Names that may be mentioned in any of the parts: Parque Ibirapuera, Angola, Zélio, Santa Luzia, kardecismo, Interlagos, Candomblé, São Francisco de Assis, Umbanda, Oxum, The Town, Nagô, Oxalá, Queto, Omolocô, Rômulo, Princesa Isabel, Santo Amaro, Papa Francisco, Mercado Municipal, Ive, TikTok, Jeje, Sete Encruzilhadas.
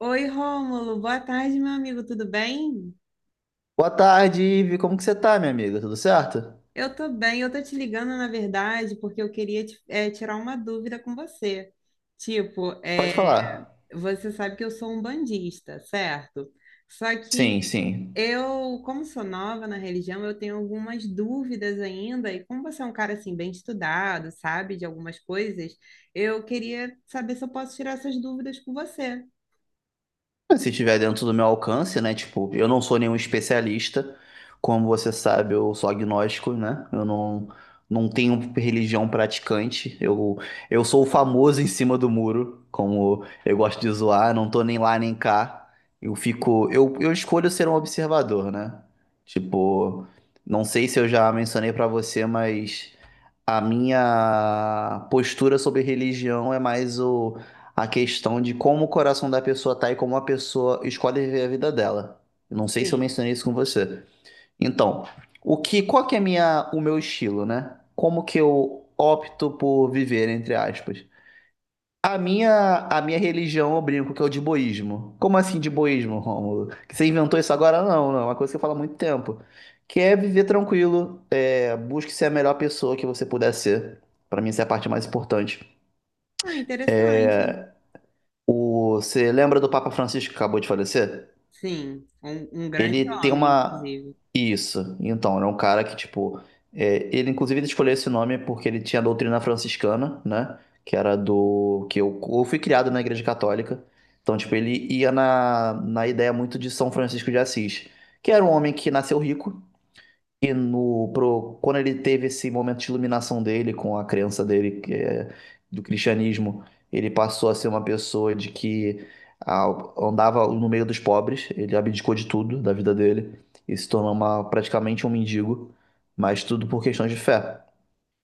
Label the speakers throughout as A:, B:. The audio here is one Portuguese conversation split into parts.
A: Oi, Rômulo, boa tarde, meu amigo, tudo bem?
B: Boa tarde, Ive. Como que você tá, minha amiga? Tudo certo?
A: Eu tô bem, eu tô te ligando, na verdade, porque eu queria tirar uma dúvida com você. Tipo,
B: Pode
A: eh,
B: falar.
A: Você sabe que eu sou um bandista, certo? Só que
B: Sim, sim.
A: eu, como sou nova na religião, eu tenho algumas dúvidas ainda, e como você é um cara, assim, bem estudado, sabe, de algumas coisas, eu queria saber se eu posso tirar essas dúvidas com você.
B: Se estiver dentro do meu alcance, né? Tipo, eu não sou nenhum especialista. Como você sabe, eu sou agnóstico, né? Eu não tenho religião praticante. Eu sou o famoso em cima do muro, como eu gosto de zoar. Não tô nem lá nem cá. Eu fico. Eu escolho ser um observador, né? Tipo, não sei se eu já mencionei pra você, mas. A minha postura sobre religião é mais o, a questão de como o coração da pessoa tá e como a pessoa escolhe viver a vida dela. Eu não sei se eu
A: Sim.
B: mencionei isso com você. Então, o que, qual que é a minha, o meu estilo, né? Como que eu opto por viver, entre aspas? A minha religião, eu brinco que é o de boísmo. Como assim de boísmo, Rômulo? Que você inventou isso agora? Não, não. É uma coisa que eu falo há muito tempo. Que é viver tranquilo. Busque ser a melhor pessoa que você puder ser. Pra mim, essa é a parte mais importante.
A: Ah, interessante.
B: Você lembra do Papa Francisco que acabou de falecer?
A: Sim, um grande
B: Ele tem
A: homem,
B: uma.
A: inclusive.
B: Isso. Então, ele é um cara que, tipo. Ele, inclusive, ele escolheu esse nome porque ele tinha a doutrina franciscana, né? Que era do. Que eu fui criado na Igreja Católica. Então, tipo, ele ia na ideia muito de São Francisco de Assis, que era um homem que nasceu rico. E no, pro, quando ele teve esse momento de iluminação dele com a crença dele que é, do cristianismo, ele passou a ser uma pessoa de que ah, andava no meio dos pobres, ele abdicou de tudo da vida dele e se tornou uma, praticamente um mendigo, mas tudo por questões de fé.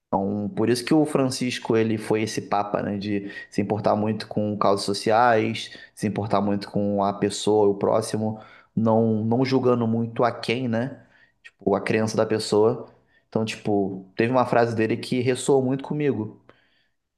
B: Então, por isso que o Francisco ele foi esse papa, né, de se importar muito com causas sociais, se importar muito com a pessoa, o próximo, não julgando muito a quem, né? Tipo, a crença da pessoa. Então, tipo, teve uma frase dele que ressoou muito comigo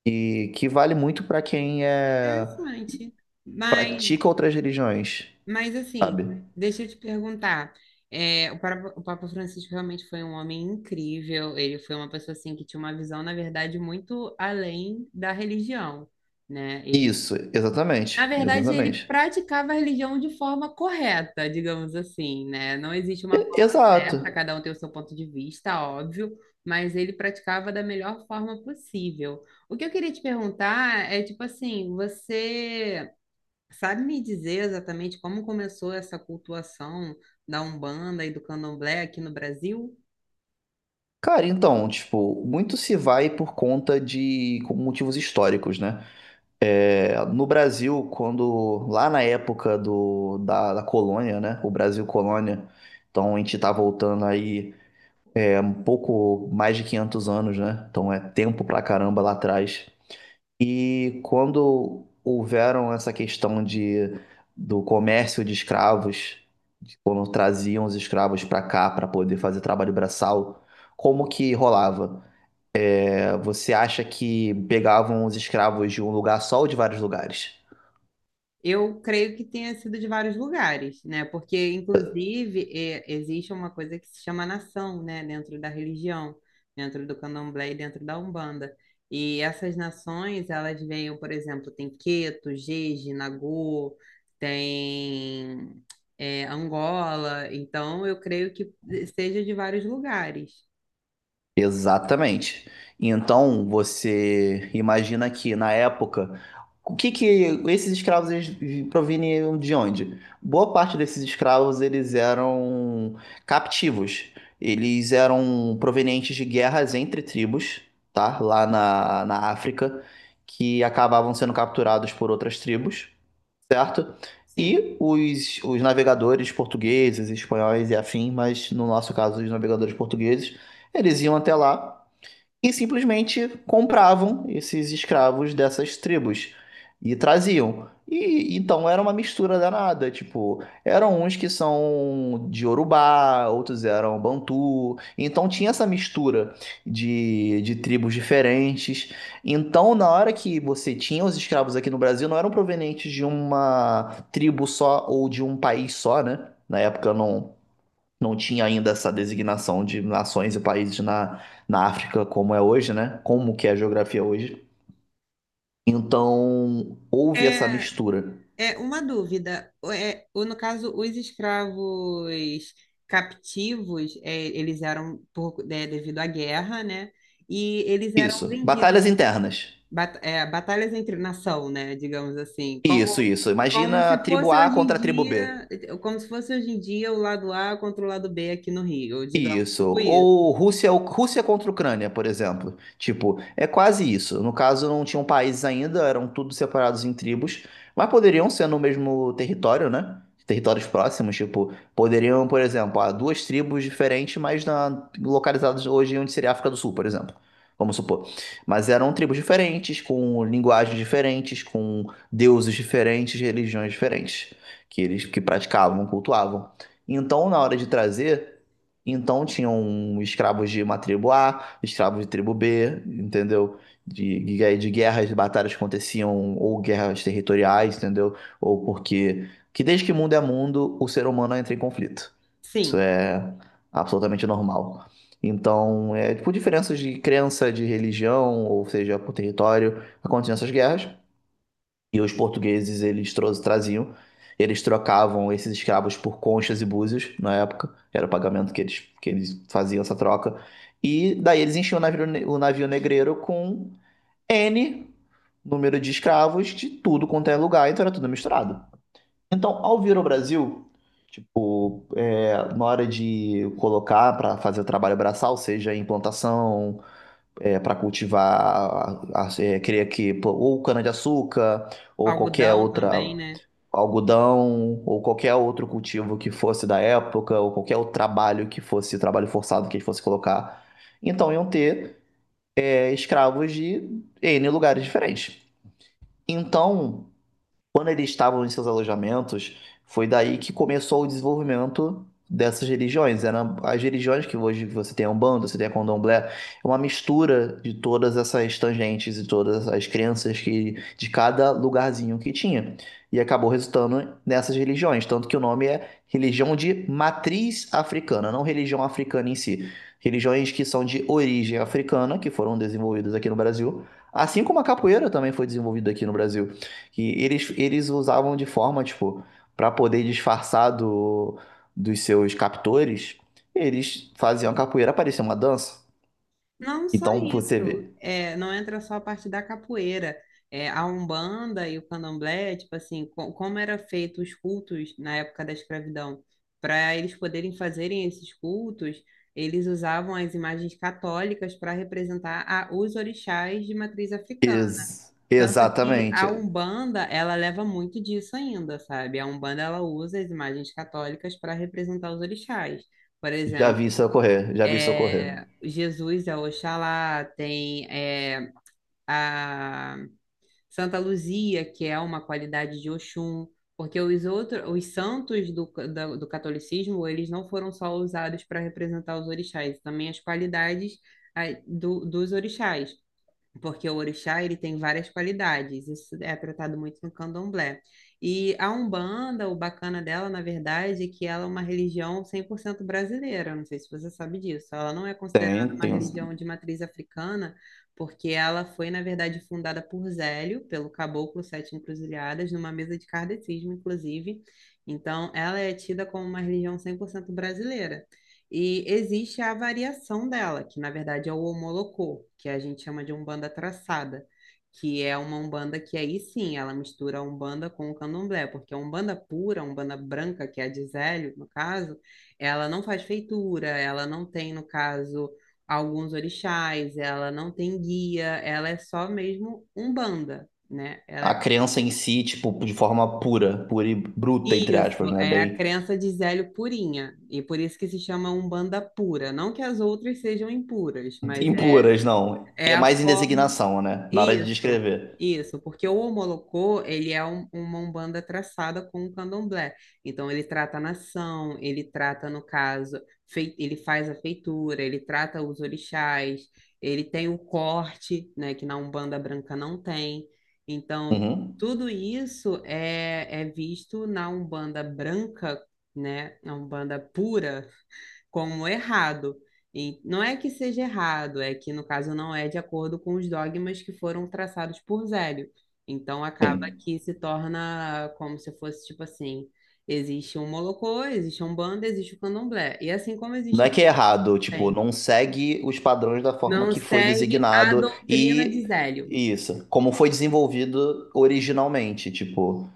B: e que vale muito para quem
A: Interessante. Mas,
B: pratica outras religiões,
A: mas assim,
B: sabe?
A: deixa eu te perguntar. É, o Papa Francisco realmente foi um homem incrível. Ele foi uma pessoa assim que tinha uma visão, na verdade, muito além da religião, né? Ele,
B: Isso,
A: na
B: exatamente,
A: verdade, ele
B: exatamente.
A: praticava a religião de forma correta, digamos assim, né? Não existe uma
B: Exato.
A: correta, cada um tem o seu ponto de vista, óbvio, mas ele praticava da melhor forma possível. O que eu queria te perguntar é, tipo assim, você sabe me dizer exatamente como começou essa cultuação da Umbanda e do Candomblé aqui no Brasil?
B: Cara, então, tipo, muito se vai por conta de com motivos históricos, né? No Brasil, quando lá na época da colônia, né? O Brasil colônia, então a gente tá voltando aí um pouco mais de 500 anos, né? Então é tempo pra caramba lá atrás. E quando houveram essa questão de, do comércio de escravos, de quando traziam os escravos para cá para poder fazer trabalho braçal, como que rolava? Você acha que pegavam os escravos de um lugar só ou de vários lugares?
A: Eu creio que tenha sido de vários lugares, né? Porque, inclusive, existe uma coisa que se chama nação, né? Dentro da religião, dentro do Candomblé e dentro da Umbanda. E essas nações, elas veem, por exemplo, tem Queto, Jeje, Nagô, tem, Angola. Então, eu creio que seja de vários lugares.
B: Exatamente. Então, você imagina que na época, o que que esses escravos eles proveniam de onde? Boa parte desses escravos eles eram captivos. Eles eram provenientes de guerras entre tribos, tá? Lá na África, que acabavam sendo capturados por outras tribos. Certo?
A: Sim.
B: E os navegadores portugueses, espanhóis e afim, mas no nosso caso, os navegadores portugueses, eles iam até lá e simplesmente compravam esses escravos dessas tribos e traziam. E então era uma mistura danada, tipo, eram uns que são de Urubá, outros eram Bantu, então tinha essa mistura de tribos diferentes. Então, na hora que você tinha os escravos aqui no Brasil, não eram provenientes de uma tribo só ou de um país só, né? Na época não tinha ainda essa designação de nações e países na África como é hoje, né? Como que é a geografia hoje. Então, houve essa
A: É,
B: mistura.
A: É uma dúvida. É, no caso, os escravos captivos, é, eles eram devido à guerra, né? E eles eram
B: Isso.
A: vendidos,
B: Batalhas internas.
A: batalhas entre nação, né? Digamos assim,
B: Isso,
A: como,
B: isso.
A: como
B: Imagina a
A: se
B: tribo
A: fosse
B: A
A: hoje em
B: contra a tribo B.
A: dia, como se fosse hoje em dia o lado A contra o lado B aqui no Rio, digamos,
B: Isso.
A: tipo isso.
B: Ou Rússia, Rússia contra Ucrânia, por exemplo. Tipo, é quase isso. No caso, não tinham países ainda, eram tudo separados em tribos, mas poderiam ser no mesmo território, né? Territórios próximos, tipo, poderiam, por exemplo, há duas tribos diferentes, mas na, localizadas hoje onde seria a África do Sul, por exemplo. Vamos supor. Mas eram tribos diferentes, com linguagens diferentes, com deuses diferentes, religiões diferentes, que eles que praticavam, cultuavam. Então, na hora de trazer. Então tinham escravos de uma tribo A, escravos de tribo B, entendeu? De guerras, de batalhas que aconteciam, ou guerras territoriais, entendeu? Ou porque. Que desde que mundo é mundo, o ser humano entra em conflito. Isso
A: Sim,
B: é absolutamente normal. Então, por diferenças de crença, de religião, ou seja, por território, aconteciam essas guerras. E os portugueses, eles traziam, eles trocavam esses escravos por conchas e búzios na época, era o pagamento que eles faziam essa troca. E daí eles enchiam o navio, o navio negreiro com N número de escravos de tudo quanto é lugar, então era tudo misturado. Então, ao vir ao Brasil, tipo, na hora de colocar para fazer o trabalho braçal, seja em plantação, para cultivar, queria que pô, ou cana-de-açúcar ou qualquer
A: algodão também,
B: outra
A: né?
B: algodão ou qualquer outro cultivo que fosse da época, ou qualquer outro trabalho que fosse trabalho forçado que eles fossem colocar. Então iam ter escravos de N lugares diferentes. Então, quando eles estavam em seus alojamentos, foi daí que começou o desenvolvimento dessas religiões. Eram as religiões que hoje você tem a Umbanda, você tem a Candomblé, é uma mistura de todas essas tangentes e todas as crenças que de cada lugarzinho que tinha. E acabou resultando nessas religiões, tanto que o nome é religião de matriz africana, não religião africana em si. Religiões que são de origem africana, que foram desenvolvidas aqui no Brasil, assim como a capoeira também foi desenvolvida aqui no Brasil. Que eles usavam de forma, tipo, para poder disfarçar do, dos seus captores, eles faziam a capoeira parecer uma dança.
A: Não só
B: Então você
A: isso,
B: vê.
A: é, não entra só a parte da capoeira. É, a Umbanda e o Candomblé, tipo assim, como era feito os cultos na época da escravidão, para eles poderem fazerem esses cultos, eles usavam as imagens católicas para representar os orixás de matriz africana. Tanto que a
B: Exatamente.
A: Umbanda, ela leva muito disso ainda, sabe? A Umbanda, ela usa as imagens católicas para representar os orixás. Por
B: Já vi
A: exemplo,
B: isso ocorrer, já vi isso ocorrer.
A: Jesus é Oxalá, tem é, a Santa Luzia, que é uma qualidade de Oxum, porque os outros, os santos do catolicismo, eles não foram só usados para representar os orixás, também as qualidades dos orixás porque o orixá ele tem várias qualidades, isso é tratado muito no candomblé. E a Umbanda, o bacana dela, na verdade, é que ela é uma religião 100% brasileira, não sei se você sabe disso. Ela não é considerada
B: Tem,
A: uma
B: tem.
A: religião de matriz africana, porque ela foi, na verdade, fundada por Zélio, pelo caboclo Sete Encruzilhadas, numa mesa de kardecismo, inclusive. Então, ela é tida como uma religião 100% brasileira, e existe a variação dela, que na verdade é o homolocô que a gente chama de Umbanda traçada, que é uma Umbanda que aí sim, ela mistura a Umbanda com o Candomblé, porque a Umbanda pura, a Umbanda branca, que é a de Zélio, no caso, ela não faz feitura, ela não tem, no caso, alguns orixás, ela não tem guia, ela é só mesmo Umbanda, né? Ela
B: A
A: é
B: criança em si, tipo, de forma pura, pura e bruta, entre
A: Isso,
B: aspas, né?
A: é a
B: Bem.
A: crença de Zélio purinha, e por isso que se chama Umbanda pura. Não que as outras sejam impuras, mas é,
B: Impuras, não.
A: é
B: É
A: a
B: mais em
A: forma.
B: designação, né? Na hora de
A: Isso,
B: descrever.
A: isso, porque o Omolocô, ele é uma umbanda traçada com o candomblé. Então, ele trata a nação, ele trata, no caso, ele faz a feitura, ele trata os orixás, ele tem o corte, né, que na umbanda branca não tem. Então,
B: Uhum.
A: tudo isso é, é visto na umbanda branca, né, na umbanda pura, como errado. E não é que seja errado, é que no caso não é de acordo com os dogmas que foram traçados por Zélio. Então acaba
B: Sim.
A: que se torna como se fosse tipo assim, existe um Molocô, existe um banda, existe o Candomblé. E assim como existe
B: Não é
A: aqui
B: que é errado, tipo,
A: tem.
B: não segue os padrões da forma
A: Não
B: que foi
A: segue a
B: designado
A: doutrina de
B: e
A: Zélio.
B: isso, como foi desenvolvido originalmente, tipo,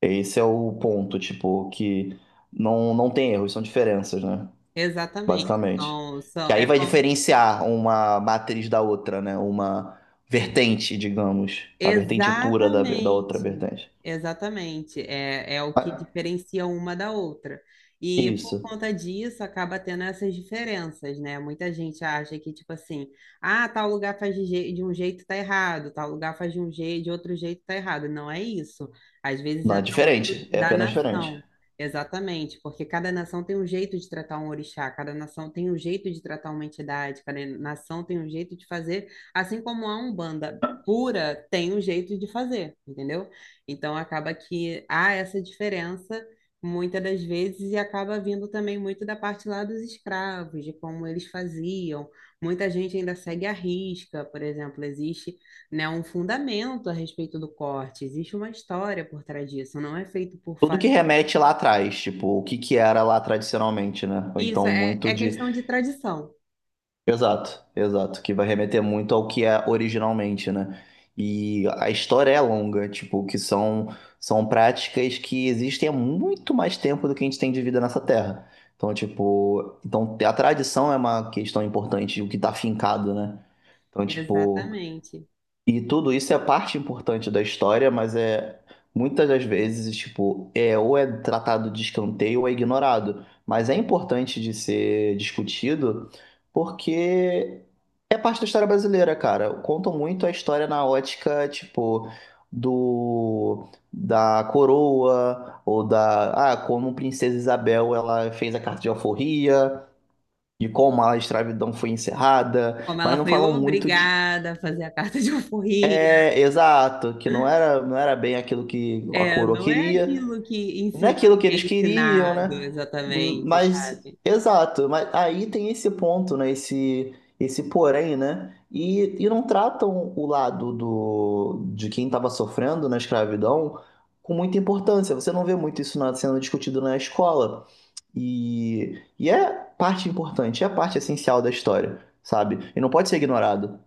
B: esse é o ponto, tipo, que não tem erros, são diferenças, né?
A: Exatamente.
B: Basicamente.
A: São,
B: Que
A: são,
B: aí
A: é
B: vai
A: como
B: diferenciar uma matriz da outra, né? Uma vertente, digamos, a vertente pura da outra
A: exatamente,
B: vertente.
A: exatamente. É, é o
B: Mas
A: que diferencia uma da outra. E por
B: isso,
A: conta disso acaba tendo essas diferenças, né? Muita gente acha que, tipo assim, ah, tal lugar faz de um jeito tá errado, tal lugar faz de um jeito, de outro jeito tá errado. Não é isso. Às vezes
B: não é
A: entra muito
B: diferente, é
A: da
B: apenas diferente.
A: nação. Exatamente, porque cada nação tem um jeito de tratar um orixá, cada nação tem um jeito de tratar uma entidade, cada nação tem um jeito de fazer, assim como a Umbanda pura tem um jeito de fazer, entendeu? Então acaba que há essa diferença muitas das vezes e acaba vindo também muito da parte lá dos escravos, de como eles faziam. Muita gente ainda segue a risca, por exemplo, existe, né, um fundamento a respeito do corte, existe uma história por trás disso, não é feito por
B: Tudo que
A: fato.
B: remete lá atrás, tipo, o que que era lá tradicionalmente, né? Ou
A: Isso
B: então
A: é,
B: muito
A: é
B: de.
A: questão de tradição,
B: Exato, exato. Que vai remeter muito ao que é originalmente, né? E a história é longa, tipo, que são práticas que existem há muito mais tempo do que a gente tem de vida nessa terra. Então, tipo, então a tradição é uma questão importante, o que tá fincado, né? Então, tipo.
A: exatamente.
B: E tudo isso é parte importante da história, mas é muitas das vezes, tipo, é ou é tratado de escanteio ou é ignorado. Mas é importante de ser discutido porque é parte da história brasileira, cara. Contam muito a história na ótica, tipo, do da coroa ou da, como Princesa Isabel ela fez a carta de alforria, de como a escravidão foi encerrada,
A: Como
B: mas
A: ela
B: não
A: foi
B: falam muito de
A: obrigada a fazer a carta de alforria,
B: exato, que não era, não era bem aquilo que a
A: é,
B: coroa
A: não é
B: queria,
A: aquilo que
B: não é
A: ensinar,
B: aquilo que
A: que
B: eles
A: é
B: queriam,
A: ensinado
B: né?
A: exatamente,
B: Mas,
A: sabe?
B: exato, mas aí tem esse ponto, né? Esse porém, né? E não tratam o lado do, de quem estava sofrendo na escravidão com muita importância. Você não vê muito isso sendo discutido na escola. E é parte importante, é parte essencial da história, sabe? E não pode ser ignorado.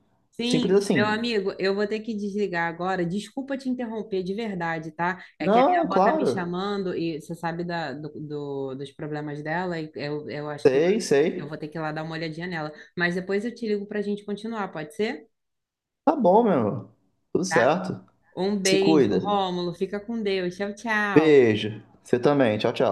B: Simples
A: Sim, meu
B: assim.
A: amigo, eu vou ter que desligar agora. Desculpa te interromper de verdade, tá? É que a minha
B: Não,
A: avó tá me
B: claro.
A: chamando e você sabe dos problemas dela e eu acho que
B: Sei,
A: eu
B: sei.
A: vou ter que ir lá dar uma olhadinha nela. Mas depois eu te ligo pra gente continuar, pode ser?
B: Tá bom, meu irmão. Tudo
A: Tá?
B: certo.
A: Um
B: Se
A: beijo,
B: cuida.
A: Rômulo. Fica com Deus. Tchau, tchau.
B: Beijo. Você também. Tchau, tchau.